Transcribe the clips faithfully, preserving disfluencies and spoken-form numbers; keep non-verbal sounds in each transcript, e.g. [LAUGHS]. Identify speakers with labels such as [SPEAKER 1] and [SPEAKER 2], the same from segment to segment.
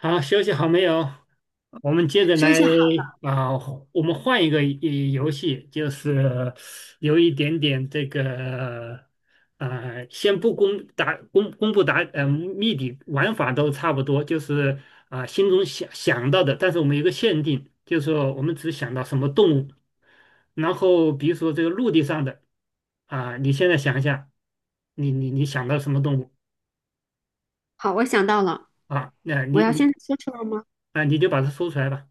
[SPEAKER 1] 好，休息好没有？我们接着
[SPEAKER 2] 休
[SPEAKER 1] 来。
[SPEAKER 2] 息好。
[SPEAKER 1] 啊、我们换一个一游戏，就是有一点点这个呃，先不公答公公布答呃谜底，玩法都差不多，就是啊、心中想想到的，但是我们有一个限定，就是说我们只想到什么动物。然后比如说这个陆地上的，啊、你现在想一下，你你你想到什么动物？
[SPEAKER 2] 好，我想到了，
[SPEAKER 1] 啊？那
[SPEAKER 2] 我
[SPEAKER 1] 你
[SPEAKER 2] 要
[SPEAKER 1] 你
[SPEAKER 2] 现在说出来吗？
[SPEAKER 1] 啊、你就把它说出来吧。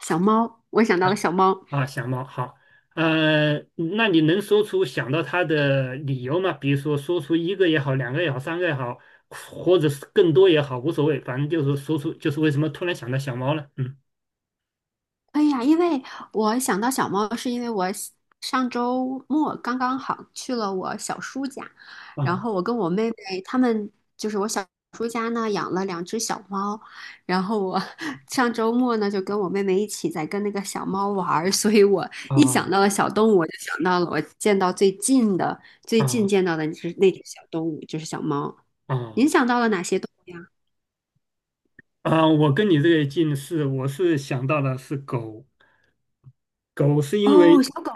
[SPEAKER 2] 小猫，我想到了小猫。
[SPEAKER 1] 啊，小猫好。呃，那你能说出想到它的理由吗？比如说说出一个也好，两个也好，三个也好，或者是更多也好，无所谓，反正就是说出就是为什么突然想到小猫了。嗯。
[SPEAKER 2] 哎呀，因为我想到小猫，是因为我喜上周末刚刚好去了我小叔家，然后
[SPEAKER 1] 啊
[SPEAKER 2] 我跟我妹妹他们就是我小叔家呢养了两只小猫，然后我 [LAUGHS] 上周末呢就跟我妹妹一起在跟那个小猫玩儿，所以我一想
[SPEAKER 1] 啊
[SPEAKER 2] 到了小动物，我就想到了我见到最近的最近
[SPEAKER 1] 啊
[SPEAKER 2] 见到的那只那只小动物就是小猫。您
[SPEAKER 1] 啊
[SPEAKER 2] 想到了哪些动物呀？
[SPEAKER 1] 啊！我跟你这个近似，我是想到的是狗。狗是因
[SPEAKER 2] 哦，
[SPEAKER 1] 为
[SPEAKER 2] 小狗。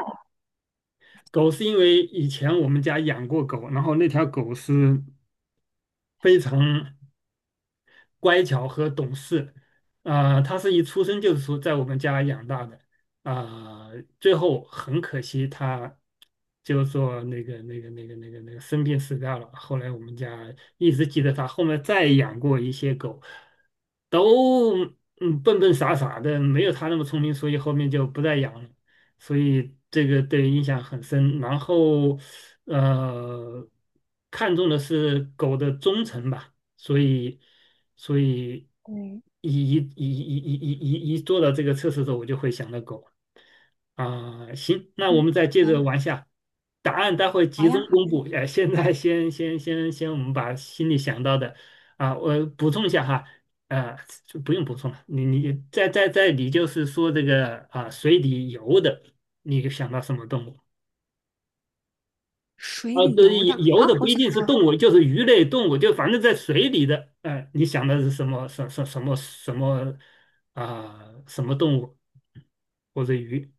[SPEAKER 1] 狗是因为以前我们家养过狗，然后那条狗是非常乖巧和懂事。啊、他是一出生就是说在我们家养大的。啊、最后很可惜他就是说那个那个那个那个那个生病死掉了。后来我们家一直记得他，后面再养过一些狗，都嗯笨笨傻傻的，没有他那么聪明，所以后面就不再养了。所以这个对印象很深。然后，呃，看重的是狗的忠诚吧。所以，所以
[SPEAKER 2] 对，
[SPEAKER 1] 一一一一一一一一做到这个测试的时候，我就会想到狗啊。行，那我
[SPEAKER 2] 嗯
[SPEAKER 1] 们再接着
[SPEAKER 2] 嗯，
[SPEAKER 1] 往下，答案待会
[SPEAKER 2] 好
[SPEAKER 1] 集
[SPEAKER 2] 呀，
[SPEAKER 1] 中
[SPEAKER 2] 好
[SPEAKER 1] 公布。
[SPEAKER 2] 呀。
[SPEAKER 1] 哎，现在先先先先，我们把心里想到的。啊，我补充一下哈。呃，就不用补充了。你你在在在，你就是说这个啊，水里游的，你想到什么动物？
[SPEAKER 2] 水
[SPEAKER 1] 啊，
[SPEAKER 2] 里
[SPEAKER 1] 对，
[SPEAKER 2] 游的。
[SPEAKER 1] 游的
[SPEAKER 2] 好，
[SPEAKER 1] 不
[SPEAKER 2] 我
[SPEAKER 1] 一
[SPEAKER 2] 想
[SPEAKER 1] 定是
[SPEAKER 2] 到
[SPEAKER 1] 动物，就是鱼类动物，就反正在水里的。哎，你想的是什么什什什么什么啊、什么动物或者鱼？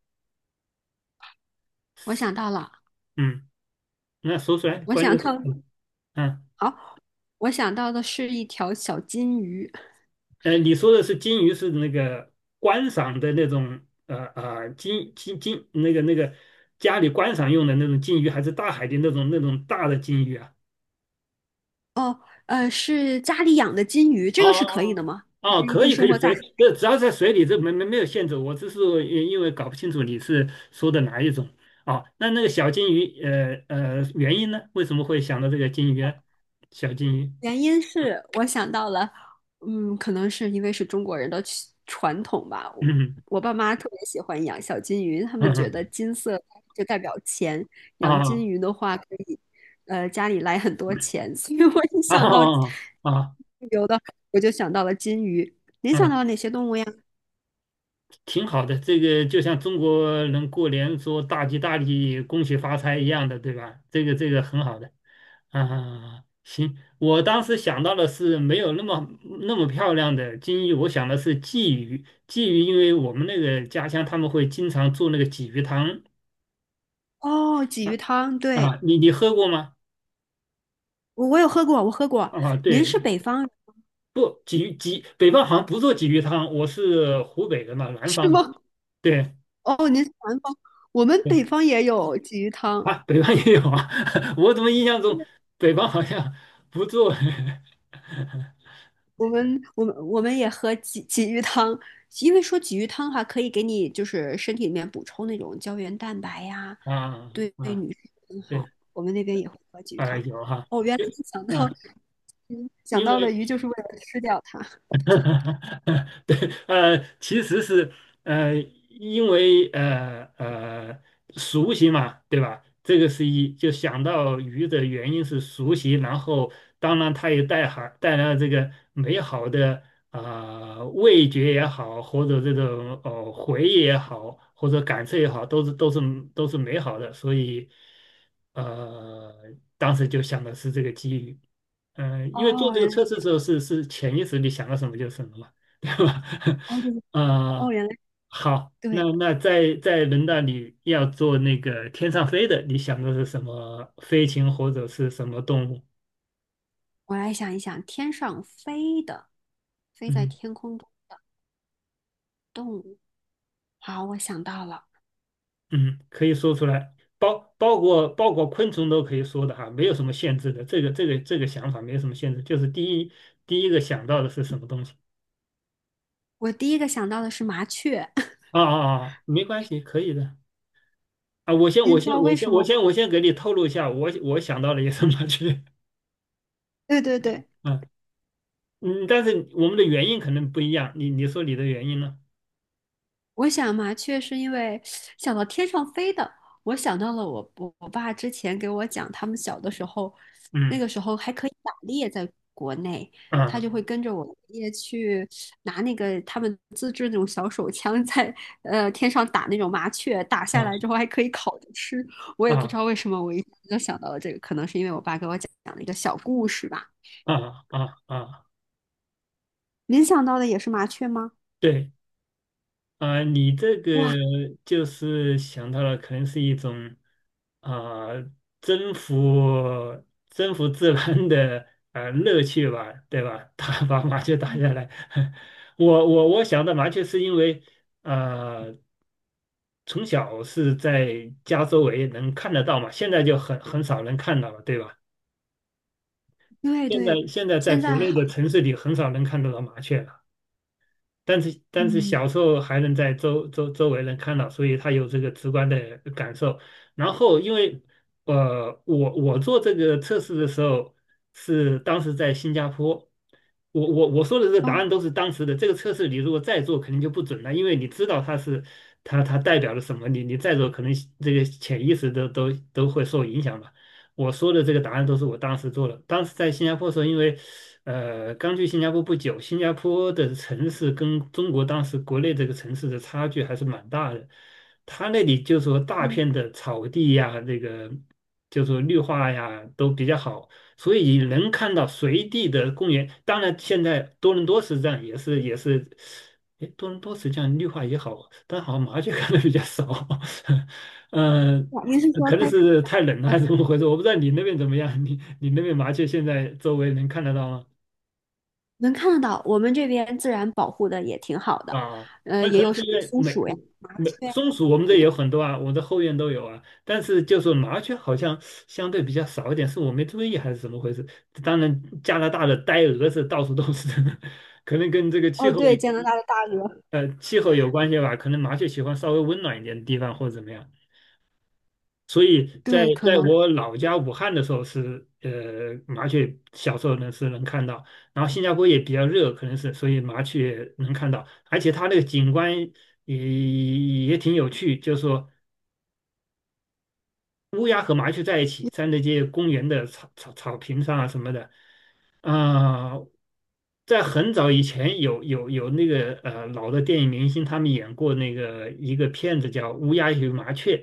[SPEAKER 2] 我想到了，
[SPEAKER 1] 嗯，那说出来，
[SPEAKER 2] 我
[SPEAKER 1] 关
[SPEAKER 2] 想
[SPEAKER 1] 键是。
[SPEAKER 2] 到
[SPEAKER 1] 嗯，啊。
[SPEAKER 2] [LAUGHS]，好，我想到的是一条小金鱼。
[SPEAKER 1] 呃，你说的是金鱼，是那个观赏的那种呃呃金金金那个那个家里观赏用的那种金鱼，还是大海的那种那种大的金鱼啊？
[SPEAKER 2] 哦，呃，是家里养的金鱼，这
[SPEAKER 1] 哦
[SPEAKER 2] 个是可以的吗？还
[SPEAKER 1] 哦，
[SPEAKER 2] 是
[SPEAKER 1] 哦
[SPEAKER 2] 一
[SPEAKER 1] 可
[SPEAKER 2] 定
[SPEAKER 1] 以可
[SPEAKER 2] 生
[SPEAKER 1] 以，
[SPEAKER 2] 活在？
[SPEAKER 1] 水，这只要在水里，这没没没有限制。我只是呃因为搞不清楚你是说的哪一种。哦。那那个小金鱼，呃呃，原因呢？为什么会想到这个金鱼呢？小金鱼，
[SPEAKER 2] 原因是我想到了，嗯，可能是因为是中国人的习传统吧。
[SPEAKER 1] [LAUGHS]
[SPEAKER 2] 我
[SPEAKER 1] 嗯
[SPEAKER 2] 我爸妈特别喜欢养小金鱼，他
[SPEAKER 1] 嗯
[SPEAKER 2] 们觉得
[SPEAKER 1] 嗯。
[SPEAKER 2] 金色就代表钱，养
[SPEAKER 1] 啊
[SPEAKER 2] 金鱼的话可以，呃，家里来很多钱。所以我一
[SPEAKER 1] 啊
[SPEAKER 2] 想到
[SPEAKER 1] 啊啊，
[SPEAKER 2] 有的，我就想到了金鱼。您想到
[SPEAKER 1] 嗯
[SPEAKER 2] 了哪些动物呀？
[SPEAKER 1] 挺好的。这个就像中国人过年说"大吉大利，恭喜发财"一样的，对吧？这个这个很好的啊。行，我当时想到的是没有那么那么漂亮的金鱼，我想的是鲫鱼。鲫鱼，因为我们那个家乡他们会经常做那个鲫鱼汤
[SPEAKER 2] 哦，鲫鱼汤，对，
[SPEAKER 1] 啊，你你喝过吗？
[SPEAKER 2] 我我有喝过，我喝过。
[SPEAKER 1] 啊，
[SPEAKER 2] 您
[SPEAKER 1] 对。
[SPEAKER 2] 是北方人
[SPEAKER 1] 不，鲫鱼鲫北方好像不做鲫鱼汤，我是湖北的嘛，南
[SPEAKER 2] 是
[SPEAKER 1] 方嘛。
[SPEAKER 2] 吗？[LAUGHS]
[SPEAKER 1] 对。
[SPEAKER 2] 南方，我们北
[SPEAKER 1] 对
[SPEAKER 2] 方也有鲫鱼汤。
[SPEAKER 1] 啊，北方也有啊。[LAUGHS] 我怎么印象中北方好像不做。 [LAUGHS]
[SPEAKER 2] 我们我们我们也喝鲫鲫鱼汤，因为说鲫鱼汤的话，可以给你就是身体里面补充那种胶原蛋白呀，
[SPEAKER 1] 啊
[SPEAKER 2] 对对
[SPEAKER 1] 啊，
[SPEAKER 2] 女生很好。
[SPEAKER 1] 对，
[SPEAKER 2] 我们那边也会喝鲫鱼
[SPEAKER 1] 啊
[SPEAKER 2] 汤。
[SPEAKER 1] 有哈，
[SPEAKER 2] 哦，原来
[SPEAKER 1] 就
[SPEAKER 2] 你想到
[SPEAKER 1] 啊，
[SPEAKER 2] 嗯想
[SPEAKER 1] 因
[SPEAKER 2] 到的
[SPEAKER 1] 为
[SPEAKER 2] 鱼就是为了吃掉它。
[SPEAKER 1] [LAUGHS] 对。呃，其实是。呃，因为呃呃熟悉嘛，对吧？这个是一就想到鱼的原因是熟悉，然后当然它也带含带来了这个美好的。啊、呃味觉也好，或者这种呃回忆也好，或者感受也好，都是都是都是美好的，所以呃当时就想的是这个机遇。嗯，呃因为做
[SPEAKER 2] 哦，
[SPEAKER 1] 这个
[SPEAKER 2] 原
[SPEAKER 1] 测试
[SPEAKER 2] 来。
[SPEAKER 1] 的时候是是潜意识你想到什么就是什么嘛，对吧？
[SPEAKER 2] 哦对。
[SPEAKER 1] [LAUGHS]
[SPEAKER 2] 哦
[SPEAKER 1] 啊、
[SPEAKER 2] 原来。
[SPEAKER 1] 好。那
[SPEAKER 2] 对，
[SPEAKER 1] 那在在轮到你要做那个天上飞的，你想的是什么飞禽或者是什么动物？
[SPEAKER 2] 我来想一想，天上飞的，飞在
[SPEAKER 1] 嗯
[SPEAKER 2] 天空中的动物。好，我想到了，
[SPEAKER 1] 嗯，可以说出来，包包括包括昆虫都可以说的哈，没有什么限制的。这个这个这个想法没有什么限制，就是第一第一个想到的是什么东西？
[SPEAKER 2] 我第一个想到的是麻雀。[LAUGHS]
[SPEAKER 1] 啊啊啊，啊没关系，可以的。啊，我先，
[SPEAKER 2] 您
[SPEAKER 1] 我
[SPEAKER 2] 知
[SPEAKER 1] 先，
[SPEAKER 2] 道
[SPEAKER 1] 我
[SPEAKER 2] 为
[SPEAKER 1] 先，
[SPEAKER 2] 什
[SPEAKER 1] 我
[SPEAKER 2] 么？
[SPEAKER 1] 先，我先给你透露一下，我我想到了一个什么去。
[SPEAKER 2] 对对
[SPEAKER 1] [LAUGHS]
[SPEAKER 2] 对，
[SPEAKER 1] 啊，嗯，但是我们的原因可能不一样，你你说你的原因呢？
[SPEAKER 2] 我想麻雀是因为想到天上飞的，我想到了我我我爸之前给我讲，他们小的时候，那
[SPEAKER 1] 嗯
[SPEAKER 2] 个时候还可以打猎，在国内，他就会
[SPEAKER 1] 啊
[SPEAKER 2] 跟着我爷爷去拿那个他们自制那种小手枪在，呃天上打那种麻雀，打下来之
[SPEAKER 1] 啊
[SPEAKER 2] 后还可以烤着吃。我也不知
[SPEAKER 1] 啊
[SPEAKER 2] 道为什么，我一下子就想到了这个，可能是因为我爸给我讲了一个小故事吧。
[SPEAKER 1] 啊啊啊，
[SPEAKER 2] 您想到的也是麻雀吗？
[SPEAKER 1] 对啊，你这个
[SPEAKER 2] 哇，
[SPEAKER 1] 就是想到了，可能是一种啊征服征服自然的呃乐趣吧，对吧？[LAUGHS] 打把麻雀打下来，[LAUGHS] 我我我想到麻雀是因为。啊。从小是在家周围能看得到嘛，现在就很很少能看到了，对吧？
[SPEAKER 2] 对
[SPEAKER 1] 现在
[SPEAKER 2] 对，
[SPEAKER 1] 现在在
[SPEAKER 2] 现
[SPEAKER 1] 国
[SPEAKER 2] 在
[SPEAKER 1] 内
[SPEAKER 2] 好，
[SPEAKER 1] 的城市里很少能看得到麻雀了。但是但是
[SPEAKER 2] 嗯，
[SPEAKER 1] 小时候还能在周周周围能看到，所以他有这个直观的感受。然后因为呃，我我做这个测试的时候是当时在新加坡。我我我说的这个答案
[SPEAKER 2] 哦。
[SPEAKER 1] 都是当时的。这个测试你如果再做，肯定就不准了，因为你知道它是它它代表了什么，你你再做可能这个潜意识都都都会受影响吧。我说的这个答案都是我当时做的。当时在新加坡的时候，因为呃，刚去新加坡不久，新加坡的城市跟中国当时国内这个城市的差距还是蛮大的。他那里就说大片
[SPEAKER 2] 对
[SPEAKER 1] 的草地呀，这个就说绿化呀都比较好，所以能看到随地的公园。当然，现在多伦多实际上也是也是，哎，多伦多实际上绿化也好，但好像麻雀看的比较少。[LAUGHS] 嗯。
[SPEAKER 2] 啊。您是说
[SPEAKER 1] 可能
[SPEAKER 2] 开
[SPEAKER 1] 是太冷了
[SPEAKER 2] 呃
[SPEAKER 1] 还是怎么回事？我不知道你那边怎么样，你你那边麻雀现在周围能看得到吗？
[SPEAKER 2] 能看得到？我们这边自然保护的也挺好的，
[SPEAKER 1] 啊，
[SPEAKER 2] 呃，
[SPEAKER 1] 那可
[SPEAKER 2] 也
[SPEAKER 1] 能
[SPEAKER 2] 有
[SPEAKER 1] 是
[SPEAKER 2] 什
[SPEAKER 1] 因
[SPEAKER 2] 么
[SPEAKER 1] 为
[SPEAKER 2] 松
[SPEAKER 1] 美
[SPEAKER 2] 鼠呀、麻
[SPEAKER 1] 美
[SPEAKER 2] 雀呀，
[SPEAKER 1] 松鼠，我们这
[SPEAKER 2] 很
[SPEAKER 1] 也
[SPEAKER 2] 多。
[SPEAKER 1] 有很多啊，我的后院都有啊。但是就是麻雀好像相对比较少一点，是我没注意还是怎么回事？当然，加拿大的呆鹅是到处都是，[LAUGHS] 可能跟这个气
[SPEAKER 2] 哦，
[SPEAKER 1] 候
[SPEAKER 2] 对，加拿大的大鹅。
[SPEAKER 1] 呃气候有关系吧。可能麻雀喜欢稍微温暖一点的地方或者怎么样。所以在
[SPEAKER 2] 对，可
[SPEAKER 1] 在
[SPEAKER 2] 能。
[SPEAKER 1] 我老家武汉的时候是呃麻雀，小时候呢是能看到，然后新加坡也比较热，可能是所以麻雀能看到。而且它那个景观也也挺有趣，就是说乌鸦和麻雀在一起，在那些公园的草草草坪上啊什么的。啊、在很早以前有有有那个呃老的电影明星他们演过那个一个片子叫《乌鸦与麻雀》。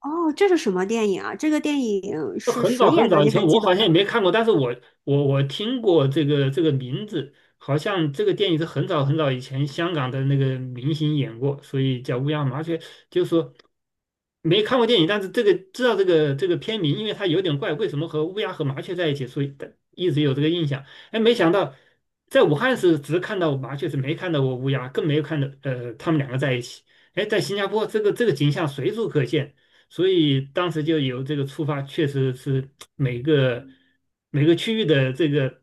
[SPEAKER 2] 哦，这是什么电影啊？这个电影是
[SPEAKER 1] 很
[SPEAKER 2] 谁
[SPEAKER 1] 早很
[SPEAKER 2] 演的？
[SPEAKER 1] 早以
[SPEAKER 2] 你
[SPEAKER 1] 前，
[SPEAKER 2] 还
[SPEAKER 1] 我
[SPEAKER 2] 记得
[SPEAKER 1] 好
[SPEAKER 2] 吗？
[SPEAKER 1] 像也没看过，但是我我我听过这个这个名字。好像这个电影是很早很早以前香港的那个明星演过，所以叫《乌鸦麻雀》，就是说没看过电影，但是这个知道这个这个片名，因为它有点怪，为什么和乌鸦和麻雀在一起，所以一直有这个印象。哎，没想到在武汉是只看到麻雀，是没看到过乌鸦，更没有看到呃他们两个在一起。哎，在新加坡这个这个景象随处可见。所以当时就有这个出发，确实是每个每个区域的这个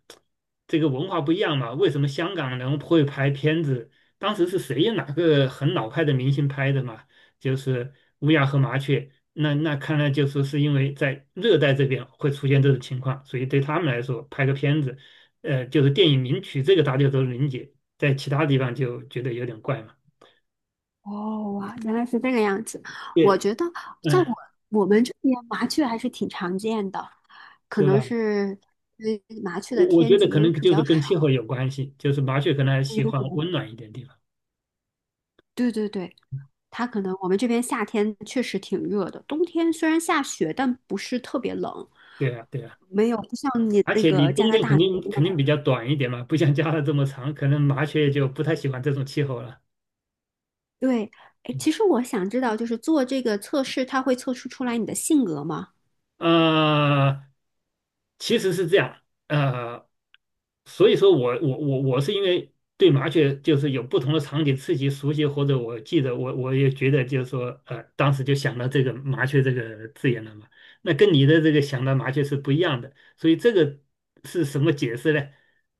[SPEAKER 1] 这个文化不一样嘛。为什么香港人会拍片子？当时是谁哪个很老派的明星拍的嘛？就是乌鸦和麻雀。那那看来就说是因为在热带这边会出现这种情况，所以对他们来说拍个片子，呃，就是电影名曲这个大家都能理解，在其他地方就觉得有点怪嘛。
[SPEAKER 2] 哦，哇，原来是这个样子。我
[SPEAKER 1] 对。
[SPEAKER 2] 觉得在我
[SPEAKER 1] 嗯，
[SPEAKER 2] 我们这边麻雀还是挺常见的，可
[SPEAKER 1] 是
[SPEAKER 2] 能
[SPEAKER 1] 吧？
[SPEAKER 2] 是因为麻雀
[SPEAKER 1] 我
[SPEAKER 2] 的
[SPEAKER 1] 我觉
[SPEAKER 2] 天
[SPEAKER 1] 得可
[SPEAKER 2] 敌
[SPEAKER 1] 能
[SPEAKER 2] 比
[SPEAKER 1] 就是
[SPEAKER 2] 较少。
[SPEAKER 1] 跟气候有关系，就是麻雀可能还喜欢温暖一点地方。
[SPEAKER 2] 对对对，它可能我们这边夏天确实挺热的，冬天虽然下雪，但不是特别冷，
[SPEAKER 1] 对呀对呀，
[SPEAKER 2] 没有不像你
[SPEAKER 1] 而
[SPEAKER 2] 那
[SPEAKER 1] 且你
[SPEAKER 2] 个加
[SPEAKER 1] 冬
[SPEAKER 2] 拿
[SPEAKER 1] 天
[SPEAKER 2] 大
[SPEAKER 1] 肯
[SPEAKER 2] 那
[SPEAKER 1] 定
[SPEAKER 2] 边那
[SPEAKER 1] 肯定比
[SPEAKER 2] 么。
[SPEAKER 1] 较短一点嘛，不像加拿大这么长，可能麻雀就不太喜欢这种气候了。
[SPEAKER 2] 对，哎，
[SPEAKER 1] 嗯
[SPEAKER 2] 其实我想知道，就是做这个测试，它会测试出来你的性格吗？
[SPEAKER 1] 呃，其实是这样。呃，所以说我我我我是因为对麻雀就是有不同的场景刺激熟悉，或者我记得我我也觉得就是说，呃，当时就想到这个麻雀这个字眼了嘛。那跟你的这个想到麻雀是不一样的，所以这个是什么解释呢？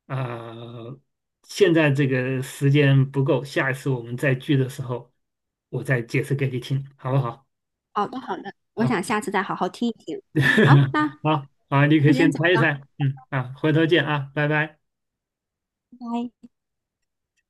[SPEAKER 1] 啊、现在这个时间不够，下一次我们再聚的时候，我再解释给你听，好不好？
[SPEAKER 2] 好的，好的，我想
[SPEAKER 1] 啊。
[SPEAKER 2] 下次再好好听一听。好，
[SPEAKER 1] [LAUGHS]
[SPEAKER 2] 那
[SPEAKER 1] 好啊，你可以
[SPEAKER 2] 我
[SPEAKER 1] 先
[SPEAKER 2] 先走
[SPEAKER 1] 猜一
[SPEAKER 2] 了，
[SPEAKER 1] 猜，嗯啊，回头见啊，拜拜。
[SPEAKER 2] 拜拜。